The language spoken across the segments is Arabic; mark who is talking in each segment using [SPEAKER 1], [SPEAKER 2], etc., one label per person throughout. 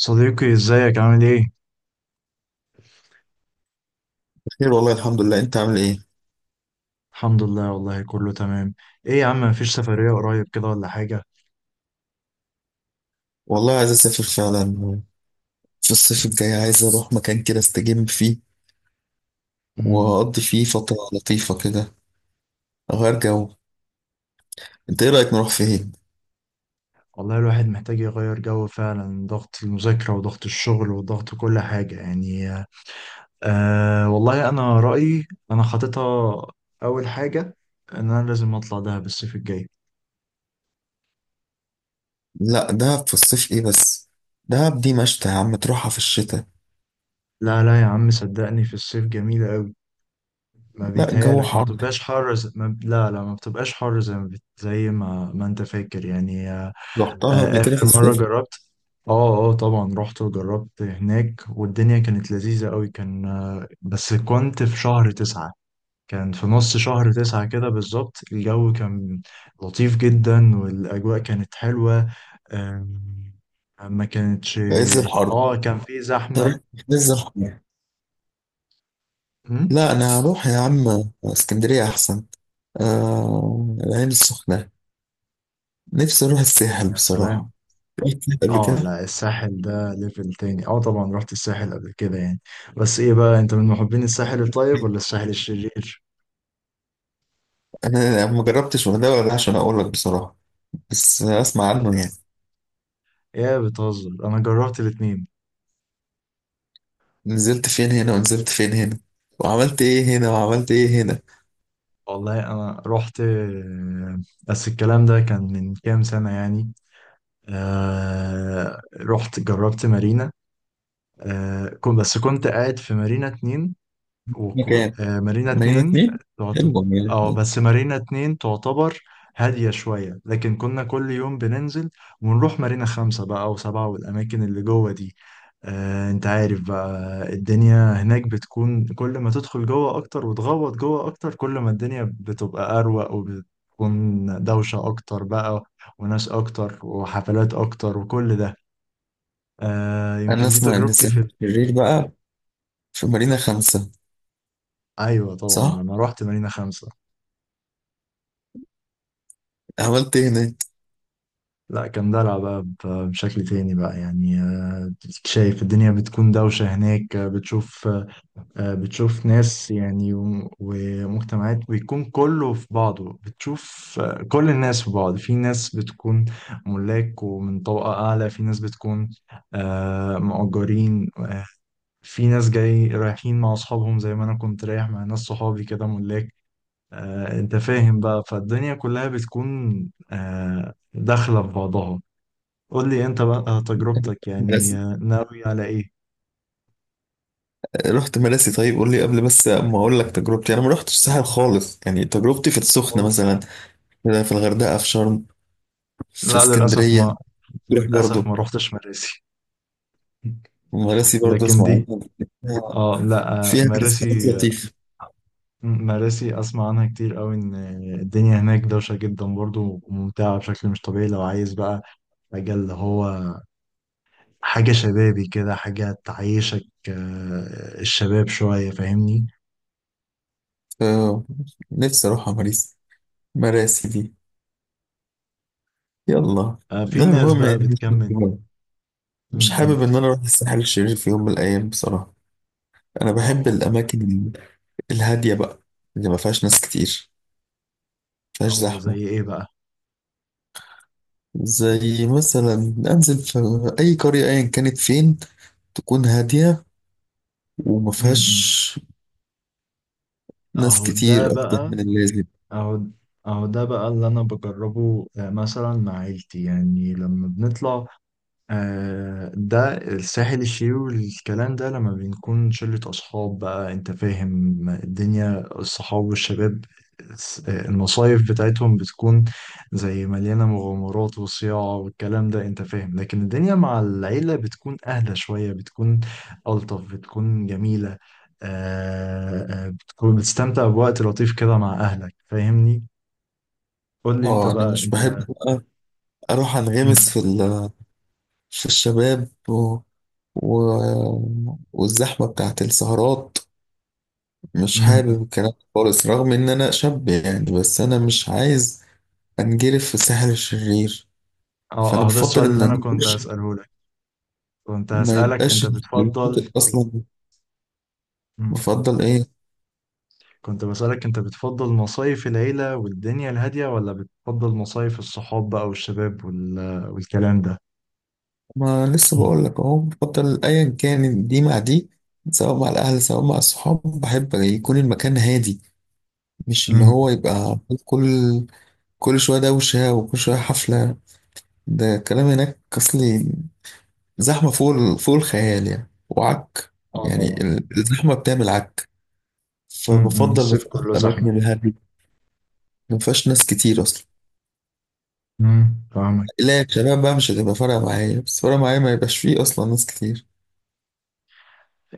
[SPEAKER 1] صديقي ازيك عامل ايه؟
[SPEAKER 2] خير والله. الحمد لله، انت عامل ايه؟
[SPEAKER 1] الحمد لله والله كله تمام. ايه يا عم مفيش سفرية قريب كده ولا حاجة؟
[SPEAKER 2] والله عايز اسافر فعلا. في الصيف الجاي عايز اروح مكان كده استجم فيه
[SPEAKER 1] امم
[SPEAKER 2] واقضي فيه فترة لطيفة كده، اغير جو. انت ايه رأيك نروح فين؟
[SPEAKER 1] والله الواحد محتاج يغير جو فعلا، ضغط المذاكرة وضغط الشغل وضغط كل حاجة يعني. آه والله انا رأيي، انا حاططها اول حاجة ان انا لازم اطلع دهب الصيف الجاي.
[SPEAKER 2] لا، دهب في الصيف ايه بس. دهب دي مشتى يا عم، تروحها في الشتاء.
[SPEAKER 1] لا لا يا عم، صدقني في الصيف جميلة قوي. ما
[SPEAKER 2] لا، الجو
[SPEAKER 1] بيتهيألك، ما
[SPEAKER 2] حر.
[SPEAKER 1] بتبقاش حر زي... ما... لا لا، ما بتبقاش حر زي ما بت... زي ما... ما انت فاكر يعني.
[SPEAKER 2] رحتها قبل كده في
[SPEAKER 1] آخر مرة
[SPEAKER 2] الصيف.
[SPEAKER 1] جربت، اه اه طبعا رحت وجربت هناك، والدنيا كانت لذيذة قوي، كان آه، بس كنت في شهر تسعة. كان في نص شهر تسعة كده بالظبط، الجو كان لطيف جدا والأجواء كانت حلوة. آم، ما كانتش.
[SPEAKER 2] في عز الحر.
[SPEAKER 1] اه كان في
[SPEAKER 2] تروح
[SPEAKER 1] زحمة.
[SPEAKER 2] في عز الحر.
[SPEAKER 1] أمم.
[SPEAKER 2] لا، انا هروح يا عم. اسكندرية احسن. العين السخنة. نفسي اروح الساحل
[SPEAKER 1] يا سلام.
[SPEAKER 2] بصراحة. رحت الساحل قبل
[SPEAKER 1] اه
[SPEAKER 2] كده.
[SPEAKER 1] لا، الساحل ده ليفل تاني. اه طبعا رحت الساحل قبل كده يعني. بس ايه بقى، انت من محبين الساحل الطيب ولا الساحل الشرير؟
[SPEAKER 2] انا ما جربتش الغردقه ولا ده عشان اقول لك بصراحه، بس اسمع عنه يعني.
[SPEAKER 1] يا بتهزر انا جربت الاتنين.
[SPEAKER 2] نزلت فين هنا ونزلت فين هنا، وعملت ايه هنا وعملت ايه هنا.
[SPEAKER 1] والله انا رحت، بس الكلام ده كان من كام سنة يعني. آه رحت جربت مارينا. آه بس كنت قاعد في مارينا اتنين. وكو...
[SPEAKER 2] مكان
[SPEAKER 1] آه مارينا
[SPEAKER 2] مارينا
[SPEAKER 1] اتنين.
[SPEAKER 2] اتنين
[SPEAKER 1] تعت-
[SPEAKER 2] حلو مارينا
[SPEAKER 1] اه
[SPEAKER 2] اتنين
[SPEAKER 1] بس مارينا اتنين تعتبر هادية شوية، لكن كنا كل يوم بننزل ونروح مارينا خمسة بقى أو سبعة، والأماكن اللي جوه دي. آه انت عارف بقى، الدنيا هناك بتكون كل ما تدخل جوه أكتر وتغوط جوه أكتر، كل ما الدنيا بتبقى أروق، وبتكون دوشة أكتر بقى وناس أكتر وحفلات أكتر وكل ده. آه
[SPEAKER 2] انا
[SPEAKER 1] يمكن دي
[SPEAKER 2] اسمع ان
[SPEAKER 1] تجربتي في.
[SPEAKER 2] ساحل الشرير بقى في مارينا 5.
[SPEAKER 1] أيوة طبعا
[SPEAKER 2] صح.
[SPEAKER 1] لما روحت مارينا خمسة،
[SPEAKER 2] عملت ايه هناك؟
[SPEAKER 1] لا كان دلع بقى بشكل تاني بقى يعني. شايف الدنيا بتكون دوشة هناك، بتشوف، بتشوف ناس يعني ومجتمعات بيكون كله في بعضه، بتشوف، كل الناس في بعض. في ناس بتكون ملاك ومن طبقة أعلى، في ناس بتكون، مؤجرين، في ناس جاي رايحين مع أصحابهم زي ما أنا كنت رايح مع ناس صحابي كده، ملاك، أنت فاهم بقى، فالدنيا كلها بتكون، داخلة في بعضها. قول لي انت بقى تجربتك يعني،
[SPEAKER 2] مراسي.
[SPEAKER 1] ناوي على ايه.
[SPEAKER 2] رحت مراسي. طيب قول لي قبل، بس ما اقول لك تجربتي. انا ما رحتش الساحل خالص يعني. تجربتي في السخنه
[SPEAKER 1] خالص.
[SPEAKER 2] مثلا، في الغردقه، في شرم، في
[SPEAKER 1] لا
[SPEAKER 2] اسكندريه. تروح
[SPEAKER 1] للاسف
[SPEAKER 2] برضو
[SPEAKER 1] ما روحتش مراسي.
[SPEAKER 2] مراسي؟ برضو
[SPEAKER 1] لكن
[SPEAKER 2] اسمع
[SPEAKER 1] دي،
[SPEAKER 2] عنها.
[SPEAKER 1] اه لا،
[SPEAKER 2] فيها ناس
[SPEAKER 1] مراسي.
[SPEAKER 2] لطيف.
[SPEAKER 1] مراسي اسمع عنها كتير قوي، ان الدنيا هناك دوشه جدا برضو، وممتعه بشكل مش طبيعي، لو عايز بقى مجال اللي هو حاجه شبابي كده، حاجه تعيشك، الشباب شويه، فاهمني.
[SPEAKER 2] آه، نفسي أروح على مريسي، مراسي دي. يلا.
[SPEAKER 1] في
[SPEAKER 2] لا،
[SPEAKER 1] ناس
[SPEAKER 2] المهم
[SPEAKER 1] بقى
[SPEAKER 2] يعني مش
[SPEAKER 1] بتكمل. م-
[SPEAKER 2] مش
[SPEAKER 1] م.
[SPEAKER 2] حابب إن أنا أروح الساحل الشرير في يوم من الأيام بصراحة. أنا بحب
[SPEAKER 1] اه
[SPEAKER 2] الأماكن الهادية بقى، اللي ما فيهاش ناس كتير، ما فيهاش
[SPEAKER 1] او
[SPEAKER 2] زحمة.
[SPEAKER 1] زي ايه بقى.
[SPEAKER 2] زي مثلا أنزل في أي قرية أيا كانت فين، تكون هادية وما
[SPEAKER 1] م-
[SPEAKER 2] فيهاش
[SPEAKER 1] م.
[SPEAKER 2] ناس
[SPEAKER 1] اهو ده
[SPEAKER 2] كتير أكتر
[SPEAKER 1] بقى
[SPEAKER 2] من اللازم.
[SPEAKER 1] أهو أهو ده بقى اللي أنا بجربه، مثلا مع عيلتي يعني لما بنطلع، ده الساحل الشرير والكلام ده. لما بنكون شلة أصحاب بقى، أنت فاهم، الدنيا الصحاب والشباب، المصايف بتاعتهم بتكون زي مليانة مغامرات وصياعة والكلام ده، أنت فاهم. لكن الدنيا مع العيلة بتكون أهدى شوية، بتكون ألطف، بتكون جميلة، بتكون بتستمتع بوقت لطيف كده مع أهلك، فاهمني. قول لي أنت
[SPEAKER 2] اه، انا
[SPEAKER 1] بقى
[SPEAKER 2] مش بحب
[SPEAKER 1] أنت
[SPEAKER 2] بقى اروح
[SPEAKER 1] مم.
[SPEAKER 2] انغمس في في الشباب و... والزحمة بتاعت السهرات. مش
[SPEAKER 1] مم.
[SPEAKER 2] حابب الكلام ده خالص، رغم إن أنا شاب يعني، بس أنا مش عايز أنجرف في الساحل الشرير. فأنا
[SPEAKER 1] اه، ده
[SPEAKER 2] بفضل
[SPEAKER 1] السؤال
[SPEAKER 2] إن
[SPEAKER 1] اللي أنا
[SPEAKER 2] أنا
[SPEAKER 1] كنت هسأله لك. كنت
[SPEAKER 2] ما
[SPEAKER 1] هسألك
[SPEAKER 2] يبقاش
[SPEAKER 1] أنت بتفضل.
[SPEAKER 2] الشاطئ أصلا.
[SPEAKER 1] مم.
[SPEAKER 2] بفضل إيه؟
[SPEAKER 1] كنت بسألك أنت بتفضل مصايف العيلة والدنيا الهادية، ولا بتفضل مصايف الصحاب بقى والشباب والكلام ده؟
[SPEAKER 2] ما لسه
[SPEAKER 1] مم.
[SPEAKER 2] بقول لك أهو، بفضل أيا كان، دي مع دي. سواء مع الأهل سواء مع الصحاب، بحب يكون المكان هادي. مش اللي
[SPEAKER 1] امم
[SPEAKER 2] هو يبقى كل كل شوية دوشة وكل شوية حفلة. ده الكلام هناك أصلي. زحمة فوق الخيال يعني، وعك
[SPEAKER 1] اه
[SPEAKER 2] يعني.
[SPEAKER 1] طبعا.
[SPEAKER 2] الزحمة بتعمل عك. فبفضل
[SPEAKER 1] الصيف
[SPEAKER 2] بصراحة
[SPEAKER 1] كله
[SPEAKER 2] الأماكن
[SPEAKER 1] زحمة.
[SPEAKER 2] الهادية، ما فيهاش ناس كتير أصلا.
[SPEAKER 1] فاهمك.
[SPEAKER 2] لا شباب بقى مش هتبقى فارقة معايا، بس فارقة معايا ما يبقاش فيه أصلا ناس كتير.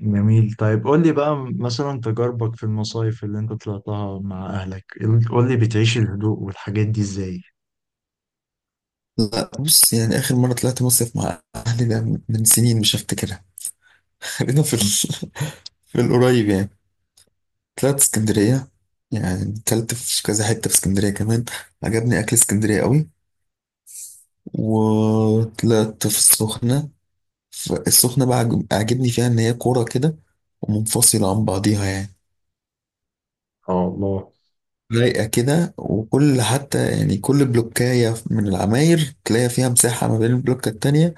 [SPEAKER 1] جميل، طيب قول لي بقى مثلا تجاربك في المصايف اللي انت طلعتها مع اهلك. قول لي بتعيش الهدوء والحاجات دي ازاي.
[SPEAKER 2] لا، بص يعني آخر مرة طلعت مصيف مع أهلي ده من سنين، مش هفتكرها. خلينا في
[SPEAKER 1] مم.
[SPEAKER 2] في القريب يعني. طلعت اسكندرية، يعني أكلت في كذا حتة في اسكندرية كمان، عجبني أكل اسكندرية قوي. وطلعت في السخنة. السخنة بقى عاجبني فيها إن هي كورة كده، ومنفصلة عن بعضيها يعني،
[SPEAKER 1] اه الله.
[SPEAKER 2] رايقة كده. وكل حتى يعني كل بلوكاية من العماير تلاقي فيها مساحة ما بين البلوكة التانية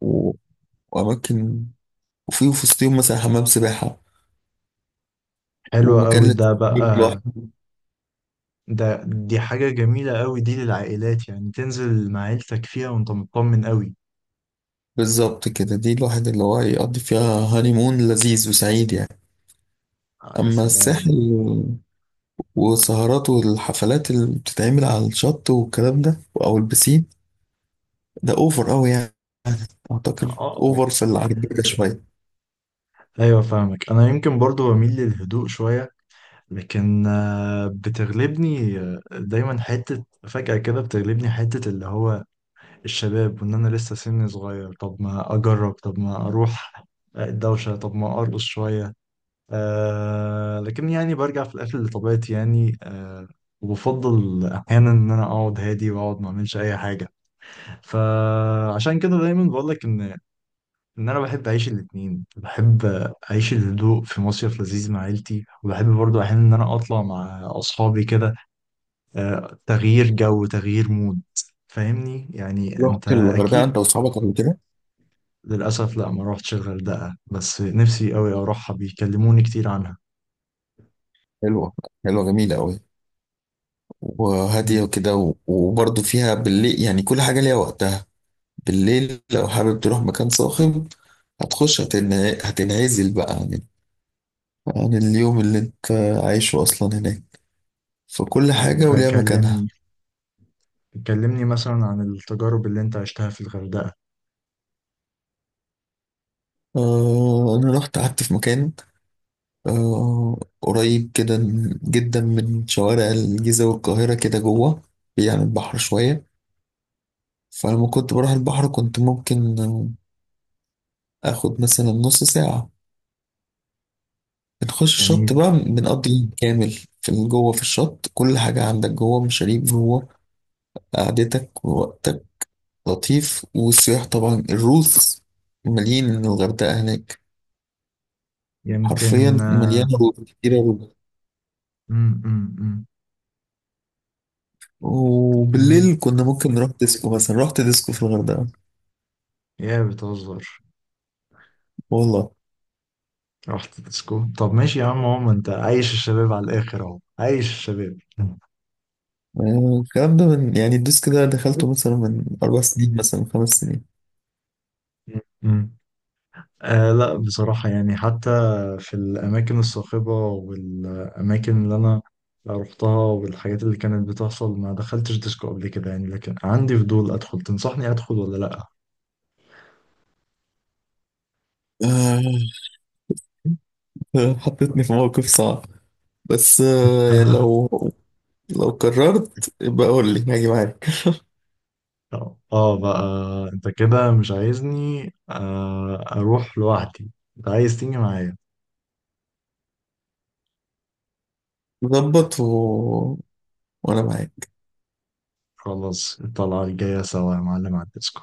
[SPEAKER 2] و- وأماكن، وفي وسطهم مثلا حمام سباحة
[SPEAKER 1] حلو
[SPEAKER 2] ومكان
[SPEAKER 1] قوي ده بقى.
[SPEAKER 2] للتسليك لوحده.
[SPEAKER 1] دي حاجة جميلة قوي، دي للعائلات يعني، تنزل مع عيلتك فيها وانت مطمن قوي.
[SPEAKER 2] بالظبط كده. دي الواحد اللي هو يقضي فيها هانيمون لذيذ وسعيد يعني.
[SPEAKER 1] آه يا
[SPEAKER 2] أما الساحل
[SPEAKER 1] سلام.
[SPEAKER 2] وسهرات والحفلات اللي بتتعمل على الشط والكلام ده أو البسين، ده أوفر أوي يعني. أعتقد
[SPEAKER 1] اه
[SPEAKER 2] أوفر في العجيبة شوية.
[SPEAKER 1] ايوه فاهمك، انا يمكن برضو بميل للهدوء شوية. لكن، بتغلبني، دايما حتة فجأة كده، بتغلبني حتة اللي هو الشباب، وان انا لسه سني صغير، طب ما اجرب، طب ما اروح الدوشة، طب ما ارقص شوية. لكن يعني برجع في الآخر لطبيعتي يعني. وبفضل أحيانا إن أنا أقعد هادي، وأقعد ما أعملش أي حاجة. فعشان كده دايما بقول لك إن، أنا بحب أعيش الاتنين. بحب أعيش الهدوء في مصيف لذيذ مع عيلتي، وبحب برضو أحيانا إن أنا أطلع مع أصحابي كده. تغيير جو، تغيير مود. فاهمني يعني، أنت
[SPEAKER 2] رحت الغردقة
[SPEAKER 1] أكيد.
[SPEAKER 2] أنت وأصحابك قبل كده؟
[SPEAKER 1] للأسف لا، ما روحتش الغردقة، بس نفسي أوي أروحها، بيكلموني كتير عنها.
[SPEAKER 2] حلوة. حلوة جميلة أوي، وهادية
[SPEAKER 1] مم.
[SPEAKER 2] وكده، وبرضه فيها بالليل يعني كل حاجة ليها وقتها. بالليل لو حابب تروح مكان صاخب، هتخش، هتنعزل بقى عن اليوم اللي أنت عايشه أصلا هناك. فكل حاجة
[SPEAKER 1] طيب
[SPEAKER 2] وليها مكانها.
[SPEAKER 1] كلمني، كلمني مثلا عن التجارب اللي انت عشتها في الغردقة.
[SPEAKER 2] أنا رحت قعدت في مكان قريب كده جدا من شوارع الجيزة والقاهرة كده جوه، يعني البحر شوية. فلما كنت بروح البحر كنت ممكن اخد مثلا نص ساعة، بنخش الشط
[SPEAKER 1] جميل.
[SPEAKER 2] بقى بنقضي يوم كامل في جوه. في الشط كل حاجة عندك جوه، مشاريب جوه، قعدتك ووقتك لطيف. والسياح طبعا الروث، مليان الغردقة هناك. حرفيا
[SPEAKER 1] يمكن.
[SPEAKER 2] مليانة روث، كتيرة روث.
[SPEAKER 1] مم، مم، مم. جميل.
[SPEAKER 2] وبالليل كنا ممكن نروح ديسكو مثلا. رحت ديسكو في الغردقة،
[SPEAKER 1] يا بتهزر.
[SPEAKER 2] والله.
[SPEAKER 1] رحت ديسكو؟ طب ماشي يا عم، هو ما انت عايش الشباب على الاخر، اهو عايش الشباب. مم.
[SPEAKER 2] الكلام ده من يعني الديسك ده دخلته مثلا من 4 سنين، مثلا من 5 سنين.
[SPEAKER 1] مم. آه لا بصراحة يعني، حتى في الأماكن الصاخبة والأماكن اللي أنا رحتها والحاجات اللي كانت بتحصل، ما دخلتش ديسكو قبل كده يعني، لكن عندي فضول أدخل. تنصحني أدخل ولا لأ؟
[SPEAKER 2] آه، حطيتني في موقف صعب. بس يعني لو قررت يبقى قول لي هاجي معاك.
[SPEAKER 1] اه بقى، انت كده مش عايزني، اروح لوحدي، انت عايز تيجي معايا.
[SPEAKER 2] ظبط وانا معاك.
[SPEAKER 1] خلاص الطلعة الجاية سوا يا معلم على الديسكو.